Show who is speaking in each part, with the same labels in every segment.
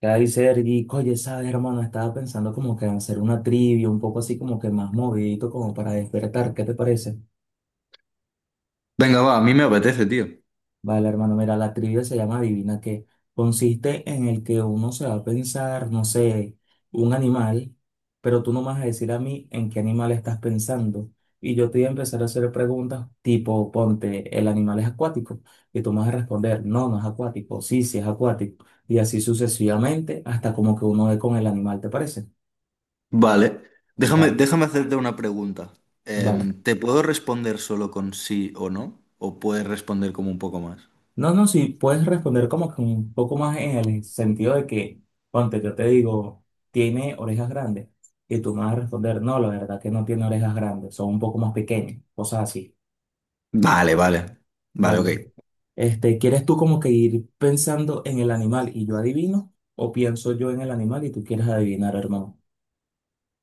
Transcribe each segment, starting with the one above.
Speaker 1: Ya ahí Sergi, oye, sabes, hermano, estaba pensando como que en hacer una trivia, un poco así como que más movidito, como para despertar, ¿qué te parece?
Speaker 2: Venga, va, a mí me apetece, tío.
Speaker 1: Vale, hermano, mira, la trivia se llama Adivina qué. Consiste en el que uno se va a pensar, no sé, un animal, pero tú no me vas a decir a mí en qué animal estás pensando. Y yo te voy a empezar a hacer preguntas tipo, ponte, ¿el animal es acuático? Y tú me vas a responder, no, no es acuático, sí, sí es acuático. Y así sucesivamente, hasta como que uno ve con el animal, ¿te parece?
Speaker 2: Vale. Déjame,
Speaker 1: Vale.
Speaker 2: déjame hacerte una pregunta.
Speaker 1: Vale.
Speaker 2: ¿Te puedo responder solo con sí o no? ¿O puedes responder como un poco más?
Speaker 1: No, no, si puedes responder como que un poco más en el sentido de que, ponte, yo te digo, tiene orejas grandes. Y tú me vas a responder, no, la verdad que no tiene orejas grandes, son un poco más pequeñas, cosas así.
Speaker 2: Vale, vale. Vale,
Speaker 1: Vale.
Speaker 2: ok.
Speaker 1: Este, ¿quieres tú como que ir pensando en el animal y yo adivino? ¿O pienso yo en el animal y tú quieres adivinar, hermano?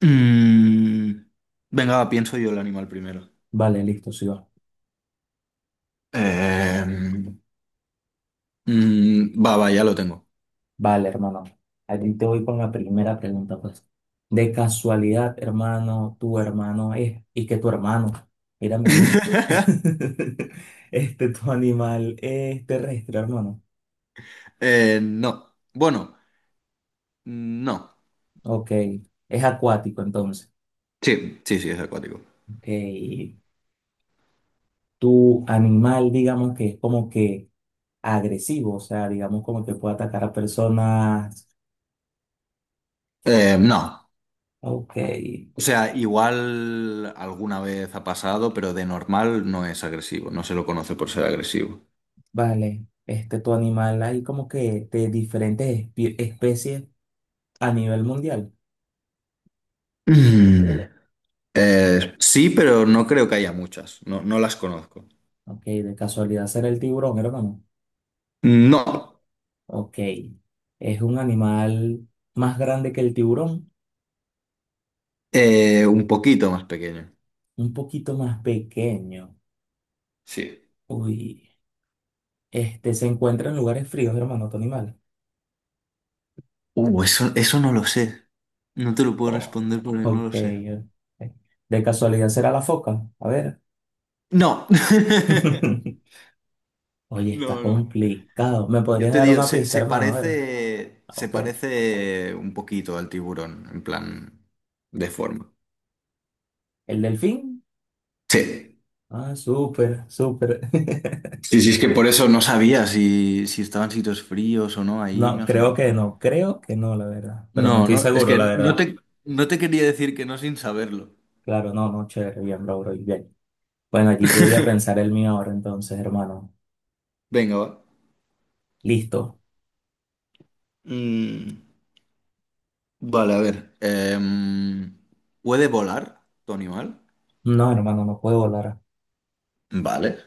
Speaker 2: Mm, Venga, va, pienso yo el animal primero.
Speaker 1: Vale, listo, sí va.
Speaker 2: Em, Va, va, ya lo tengo.
Speaker 1: Vale, hermano. Allí te voy con la primera pregunta, pues. De casualidad, hermano, tu hermano es, y que tu hermano, mírame a mí. Este, tu animal es terrestre, hermano.
Speaker 2: No. Bueno, no.
Speaker 1: Ok. Es acuático, entonces.
Speaker 2: Sí, sí, sí, es acuático.
Speaker 1: Ok. Tu animal, digamos que es como que agresivo, o sea, digamos como que puede atacar a personas.
Speaker 2: No.
Speaker 1: Ok.
Speaker 2: O sea, igual alguna vez ha pasado, pero de normal no es agresivo, no se lo conoce por ser agresivo.
Speaker 1: Vale. Este, tu animal hay como que de diferentes especies a nivel mundial.
Speaker 2: Mm, sí, pero no creo que haya muchas, no, no las conozco.
Speaker 1: Ok. De casualidad será el tiburón, hermano.
Speaker 2: No,
Speaker 1: Ok. Es un animal más grande que el tiburón,
Speaker 2: un poquito más pequeño.
Speaker 1: un poquito más pequeño.
Speaker 2: Sí.
Speaker 1: Uy, este se encuentra en lugares fríos, hermano, tu animal.
Speaker 2: Eso, eso no lo sé. No te lo puedo
Speaker 1: Oh,
Speaker 2: responder porque no
Speaker 1: Ok.
Speaker 2: lo sé.
Speaker 1: De casualidad será la foca. A ver.
Speaker 2: No.
Speaker 1: Oye, está
Speaker 2: No, no.
Speaker 1: complicado. ¿Me
Speaker 2: Yo
Speaker 1: podrías
Speaker 2: te
Speaker 1: dar
Speaker 2: digo,
Speaker 1: una
Speaker 2: se,
Speaker 1: pista,
Speaker 2: se
Speaker 1: hermano? A ver.
Speaker 2: parece,
Speaker 1: Ah,
Speaker 2: se
Speaker 1: Ok.
Speaker 2: parece un poquito al tiburón, en plan de forma.
Speaker 1: ¿El delfín?
Speaker 2: Sí.
Speaker 1: Ah, súper, súper.
Speaker 2: Sí, sí, es que por eso no sabía si, si estaban sitios fríos o no. Ahí me
Speaker 1: No,
Speaker 2: has-
Speaker 1: creo que no. Creo que no, la verdad. Pero no
Speaker 2: No,
Speaker 1: estoy
Speaker 2: no, es
Speaker 1: seguro, la
Speaker 2: que no
Speaker 1: verdad.
Speaker 2: te, no te quería decir que no sin saberlo.
Speaker 1: Claro, no, no, chévere. Bien, bro, bro. Bien. Bueno, allí yo voy a pensar el mío ahora, entonces, hermano.
Speaker 2: Venga, va.
Speaker 1: Listo.
Speaker 2: Mm, vale, a ver. ¿Puede volar tu animal?
Speaker 1: No, hermano, no puedo volar.
Speaker 2: Vale.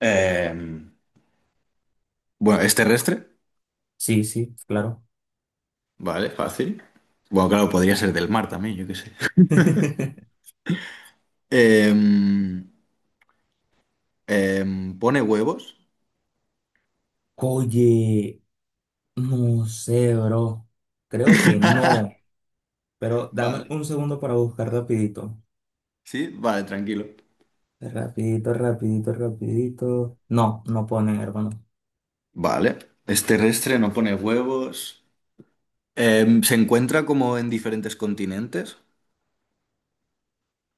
Speaker 2: Em, bueno, ¿es terrestre?
Speaker 1: Sí, sí, claro.
Speaker 2: Vale, fácil. Bueno, claro, podría ser del mar también, yo qué sé. Em, ¿Pone huevos?
Speaker 1: Oye, no sé, bro. Creo que no. Pero dame
Speaker 2: Vale.
Speaker 1: un segundo para buscar rapidito.
Speaker 2: Sí, vale, tranquilo.
Speaker 1: Rapidito, rapidito, rapidito. No, no ponen, hermano.
Speaker 2: Vale. Es terrestre, no pone huevos. ¿Se encuentra como en diferentes continentes?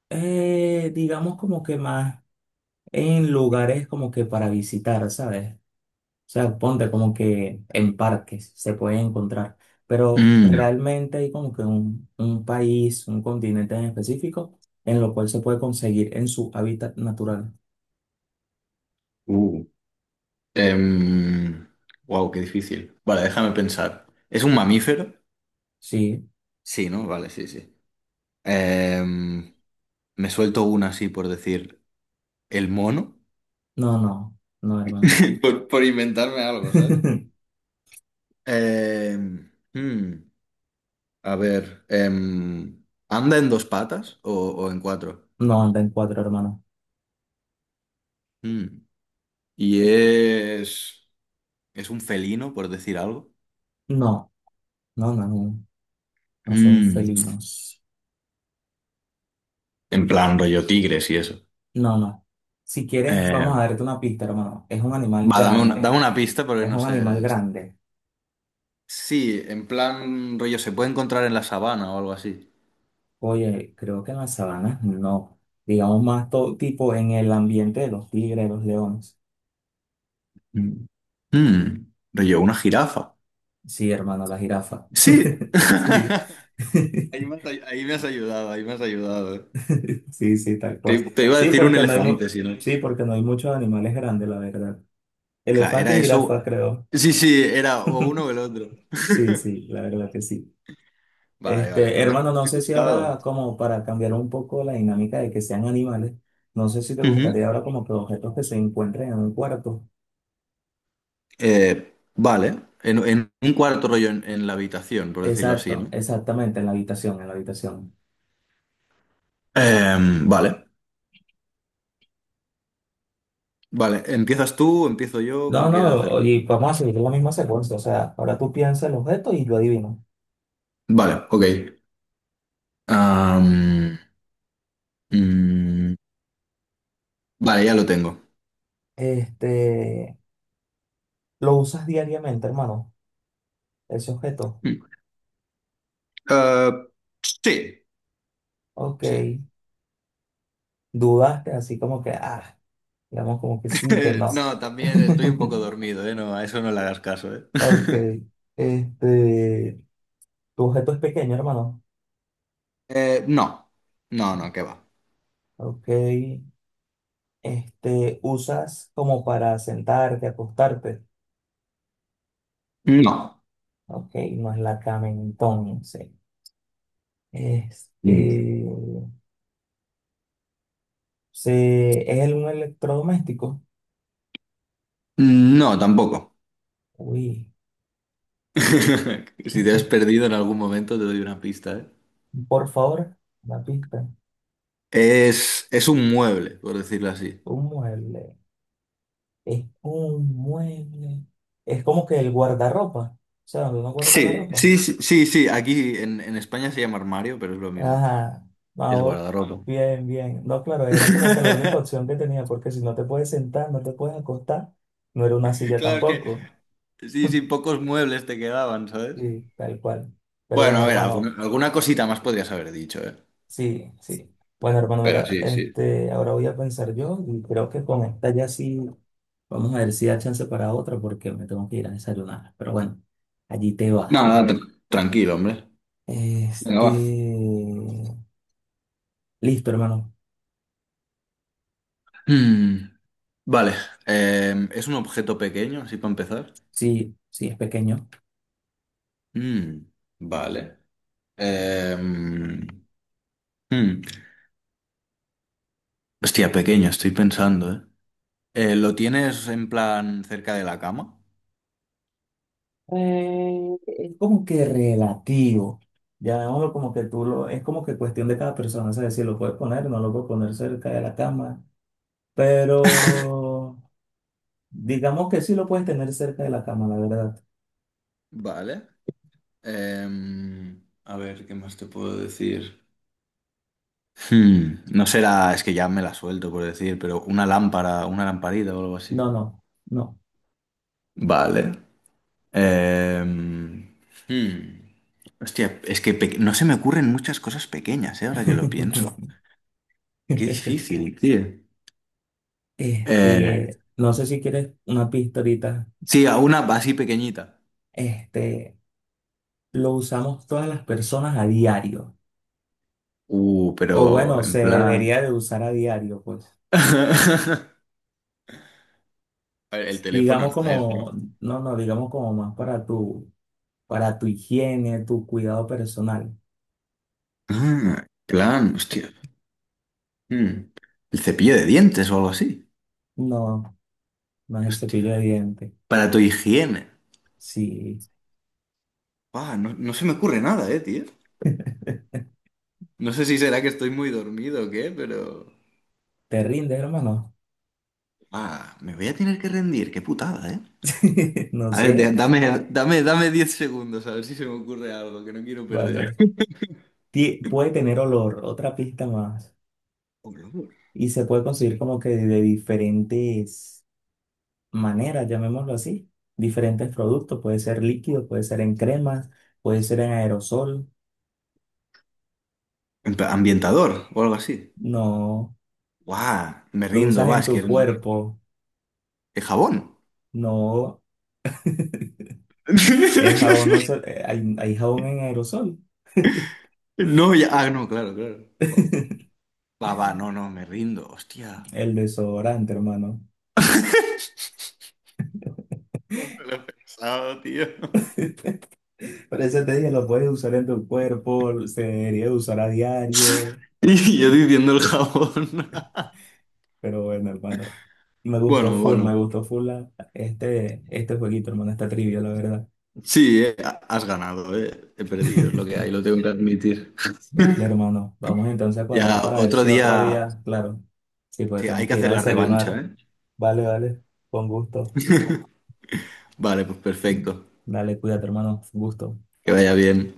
Speaker 1: Digamos como que más en lugares como que para visitar, ¿sabes? O sea, ponte como que en parques se puede encontrar. Pero
Speaker 2: Mm.
Speaker 1: realmente hay como que un país, un continente en específico, en lo cual se puede conseguir en su hábitat natural.
Speaker 2: Uh. Wow, qué difícil. Vale, déjame pensar. ¿Es un mamífero?
Speaker 1: Sí.
Speaker 2: Sí, ¿no? Vale, sí, sí. Em, Me suelto una así por decir el mono.
Speaker 1: No, no, no, hermano.
Speaker 2: Por inventarme algo, ¿sabes? Em, hmm, a ver. ¿Anda en dos patas o en cuatro?
Speaker 1: No anda en cuatro, hermano.
Speaker 2: Hmm. Y es. ¿Es un felino, por decir algo?
Speaker 1: No, no, no, no, no son
Speaker 2: Mm,
Speaker 1: felinos.
Speaker 2: en plan rollo tigres y eso.
Speaker 1: No, no. Si quieres,
Speaker 2: Eh,
Speaker 1: vamos a darte una pista, hermano. Es un animal
Speaker 2: va,
Speaker 1: grande.
Speaker 2: dame una pista porque
Speaker 1: Es
Speaker 2: no
Speaker 1: un animal
Speaker 2: sé.
Speaker 1: grande.
Speaker 2: Sí, en plan rollo, se puede encontrar en la sabana o algo así.
Speaker 1: Oye, creo que en las sabanas no. Digamos más todo tipo en el ambiente de los tigres, los leones.
Speaker 2: Mm. Mm, rollo, una jirafa.
Speaker 1: Sí, hermano, la jirafa.
Speaker 2: Sí.
Speaker 1: Sí.
Speaker 2: Ahí me has, ay- ahí me has ayudado, ahí me has ayudado. Eh.
Speaker 1: Sí, sí, tal
Speaker 2: Te,
Speaker 1: cual.
Speaker 2: te iba a
Speaker 1: Sí,
Speaker 2: decir un
Speaker 1: porque no hay mu-
Speaker 2: elefante, si no.
Speaker 1: sí, porque no hay muchos animales grandes, la verdad.
Speaker 2: Claro,
Speaker 1: Elefante
Speaker 2: era
Speaker 1: y
Speaker 2: eso.
Speaker 1: jirafa, creo.
Speaker 2: Sí, sí, era o uno o el otro.
Speaker 1: Sí, sí, la verdad que sí.
Speaker 2: Vale, vale.
Speaker 1: Este,
Speaker 2: Me ha
Speaker 1: hermano, no
Speaker 2: me ha
Speaker 1: sé si
Speaker 2: costado.
Speaker 1: ahora, como para cambiar un poco la dinámica de que sean animales, no sé si te gustaría ahora como que objetos que se encuentren en un cuarto.
Speaker 2: Vale, en un cuarto rollo en la habitación, por decirlo así,
Speaker 1: Exacto,
Speaker 2: ¿no?
Speaker 1: exactamente, en la habitación, en la habitación.
Speaker 2: Em, vale, vale. ¿Empiezas tú? ¿Empiezo yo?
Speaker 1: No,
Speaker 2: ¿Cómo quieres
Speaker 1: no,
Speaker 2: hacerlo?
Speaker 1: y vamos a seguir la misma secuencia, o sea, ahora tú piensas el objeto y lo adivinas.
Speaker 2: Vale, ok. Am, mm, vale, ya lo tengo.
Speaker 1: Este, lo usas diariamente, hermano, ese objeto.
Speaker 2: Mm. Ah, sí,
Speaker 1: Ok,
Speaker 2: sí.
Speaker 1: dudaste así como que, ah, digamos como que sí, que no.
Speaker 2: No, también estoy un poco dormido, ¿eh? No, a eso no le hagas caso, ¿eh?
Speaker 1: Ok. Este, tu objeto es pequeño, hermano.
Speaker 2: No, no, no, ¿qué va?
Speaker 1: Ok. Este, usas como para sentarte, acostarte.
Speaker 2: No.
Speaker 1: Ok, no es la cama entonces.
Speaker 2: Mm.
Speaker 1: Este, un electrodoméstico.
Speaker 2: No, tampoco.
Speaker 1: Uy,
Speaker 2: Si te has perdido en algún momento, te doy una pista, ¿eh?
Speaker 1: por favor, una pista.
Speaker 2: Es un mueble, por decirlo así.
Speaker 1: Un mueble. Es un mueble. Es como que el guardarropa. O sea, donde uno guarda la
Speaker 2: Sí,
Speaker 1: ropa.
Speaker 2: sí, sí, sí, sí. Aquí en España se llama armario, pero es lo mismo.
Speaker 1: Ajá,
Speaker 2: Es
Speaker 1: vamos,
Speaker 2: guardarropa.
Speaker 1: bien, bien. No, claro, era como que la única opción que tenía, porque si no te puedes sentar, no te puedes acostar, no era una silla
Speaker 2: Claro, es que
Speaker 1: tampoco.
Speaker 2: sí, sí, pocos muebles te quedaban, ¿sabes?
Speaker 1: Sí, tal cual. Pero
Speaker 2: Bueno,
Speaker 1: bueno,
Speaker 2: a ver,
Speaker 1: hermano,
Speaker 2: alguna cosita más podrías haber dicho, ¿eh?
Speaker 1: sí, sí. Bueno, hermano,
Speaker 2: Pero
Speaker 1: mira,
Speaker 2: sí, sí.
Speaker 1: este, ahora voy a pensar yo y creo que con esta ya sí, vamos a ver si da chance para otra, porque me tengo que ir a desayunar. Pero bueno, allí te vas.
Speaker 2: No, no, tr- tranquilo, hombre. Venga,
Speaker 1: Este,
Speaker 2: va.
Speaker 1: listo, hermano.
Speaker 2: Mm, vale. ¿Es un objeto pequeño, así para empezar?
Speaker 1: Sí, sí, es pequeño.
Speaker 2: Mm, vale. Em, mm, Hostia, pequeño, estoy pensando, ¿eh? ¿Lo tienes en plan cerca de la cama?
Speaker 1: Es como que relativo. Llamémoslo como que tú lo, es como que cuestión de cada persona, ¿sabes? Si lo puedes poner, no lo puedes poner cerca de la cama, pero digamos que sí lo puedes tener cerca de la cama, la verdad.
Speaker 2: Vale. A ver, ¿qué más te puedo decir? Hmm, no será, es que ya me la suelto por decir, pero una lámpara, una lamparita o algo así.
Speaker 1: No, no, no.
Speaker 2: Vale. Em, hmm. Hostia, es que pe- no se me ocurren muchas cosas pequeñas, ¿eh? Ahora que lo pienso. Qué difícil, tío. Eh,
Speaker 1: Este, no sé si quieres una pista ahorita.
Speaker 2: sí, a una así pequeñita.
Speaker 1: Este, lo usamos todas las personas a diario. O
Speaker 2: Pero
Speaker 1: bueno, se
Speaker 2: en plan...
Speaker 1: debería de usar a diario, pues.
Speaker 2: A ver, el teléfono
Speaker 1: Digamos
Speaker 2: no es,
Speaker 1: como,
Speaker 2: ¿no?
Speaker 1: no, no, digamos como más para tú. Para tu higiene, tu cuidado personal.
Speaker 2: Ah, plan, hostia. Mm. El cepillo de dientes o algo así.
Speaker 1: No, no es el
Speaker 2: Hostia.
Speaker 1: cepillo de dientes.
Speaker 2: Para tu higiene.
Speaker 1: Si
Speaker 2: Ah, no, no se me ocurre nada, tío. No sé si será que estoy muy dormido o qué, pero...
Speaker 1: te rinde, hermano,
Speaker 2: Ah, me voy a tener que rendir, qué putada, eh.
Speaker 1: no
Speaker 2: A ver, de-
Speaker 1: sé,
Speaker 2: dame, dame 10 segundos a ver si se me ocurre algo que no quiero perder.
Speaker 1: vale. Ti- puede tener olor, otra pista más.
Speaker 2: Hombre, hombre.
Speaker 1: Y se puede conseguir como que de diferentes maneras, llamémoslo así. Diferentes productos, puede ser líquido, puede ser en cremas, puede ser en aerosol.
Speaker 2: En plan, ambientador o algo así.
Speaker 1: No,
Speaker 2: Guau, me
Speaker 1: lo
Speaker 2: rindo,
Speaker 1: usas
Speaker 2: va,
Speaker 1: en
Speaker 2: es que...
Speaker 1: tu
Speaker 2: ¿El
Speaker 1: cuerpo.
Speaker 2: jabón?
Speaker 1: No, el jabón no se, hay jabón en aerosol.
Speaker 2: No, ya... Ah, no, claro, claro. Claro. Guau. Va, va, no, no, me rindo, hostia.
Speaker 1: El desodorante, hermano.
Speaker 2: ¿Cómo me lo he pensado, tío?
Speaker 1: Por eso te dije, lo puedes usar en tu cuerpo, se debería usar a diario,
Speaker 2: Y yo diciendo el jabón.
Speaker 1: pero bueno, hermano, me gustó
Speaker 2: Bueno,
Speaker 1: full,
Speaker 2: bueno.
Speaker 1: este, jueguito, hermano, esta trivia, la verdad.
Speaker 2: Sí, has ganado, eh. He perdido, es lo que hay, lo tengo que admitir.
Speaker 1: Vale, hermano, vamos entonces a cuadrar
Speaker 2: Ya,
Speaker 1: para ver
Speaker 2: otro
Speaker 1: si otro
Speaker 2: día.
Speaker 1: día, claro, sí, pues
Speaker 2: Sí,
Speaker 1: tengo
Speaker 2: hay que
Speaker 1: que ir
Speaker 2: hacer
Speaker 1: a
Speaker 2: la revancha,
Speaker 1: desayunar.
Speaker 2: ¿eh?
Speaker 1: Vale, vale, con gusto.
Speaker 2: Vale, pues perfecto.
Speaker 1: Dale, cuídate, hermano, gusto.
Speaker 2: Que vaya bien.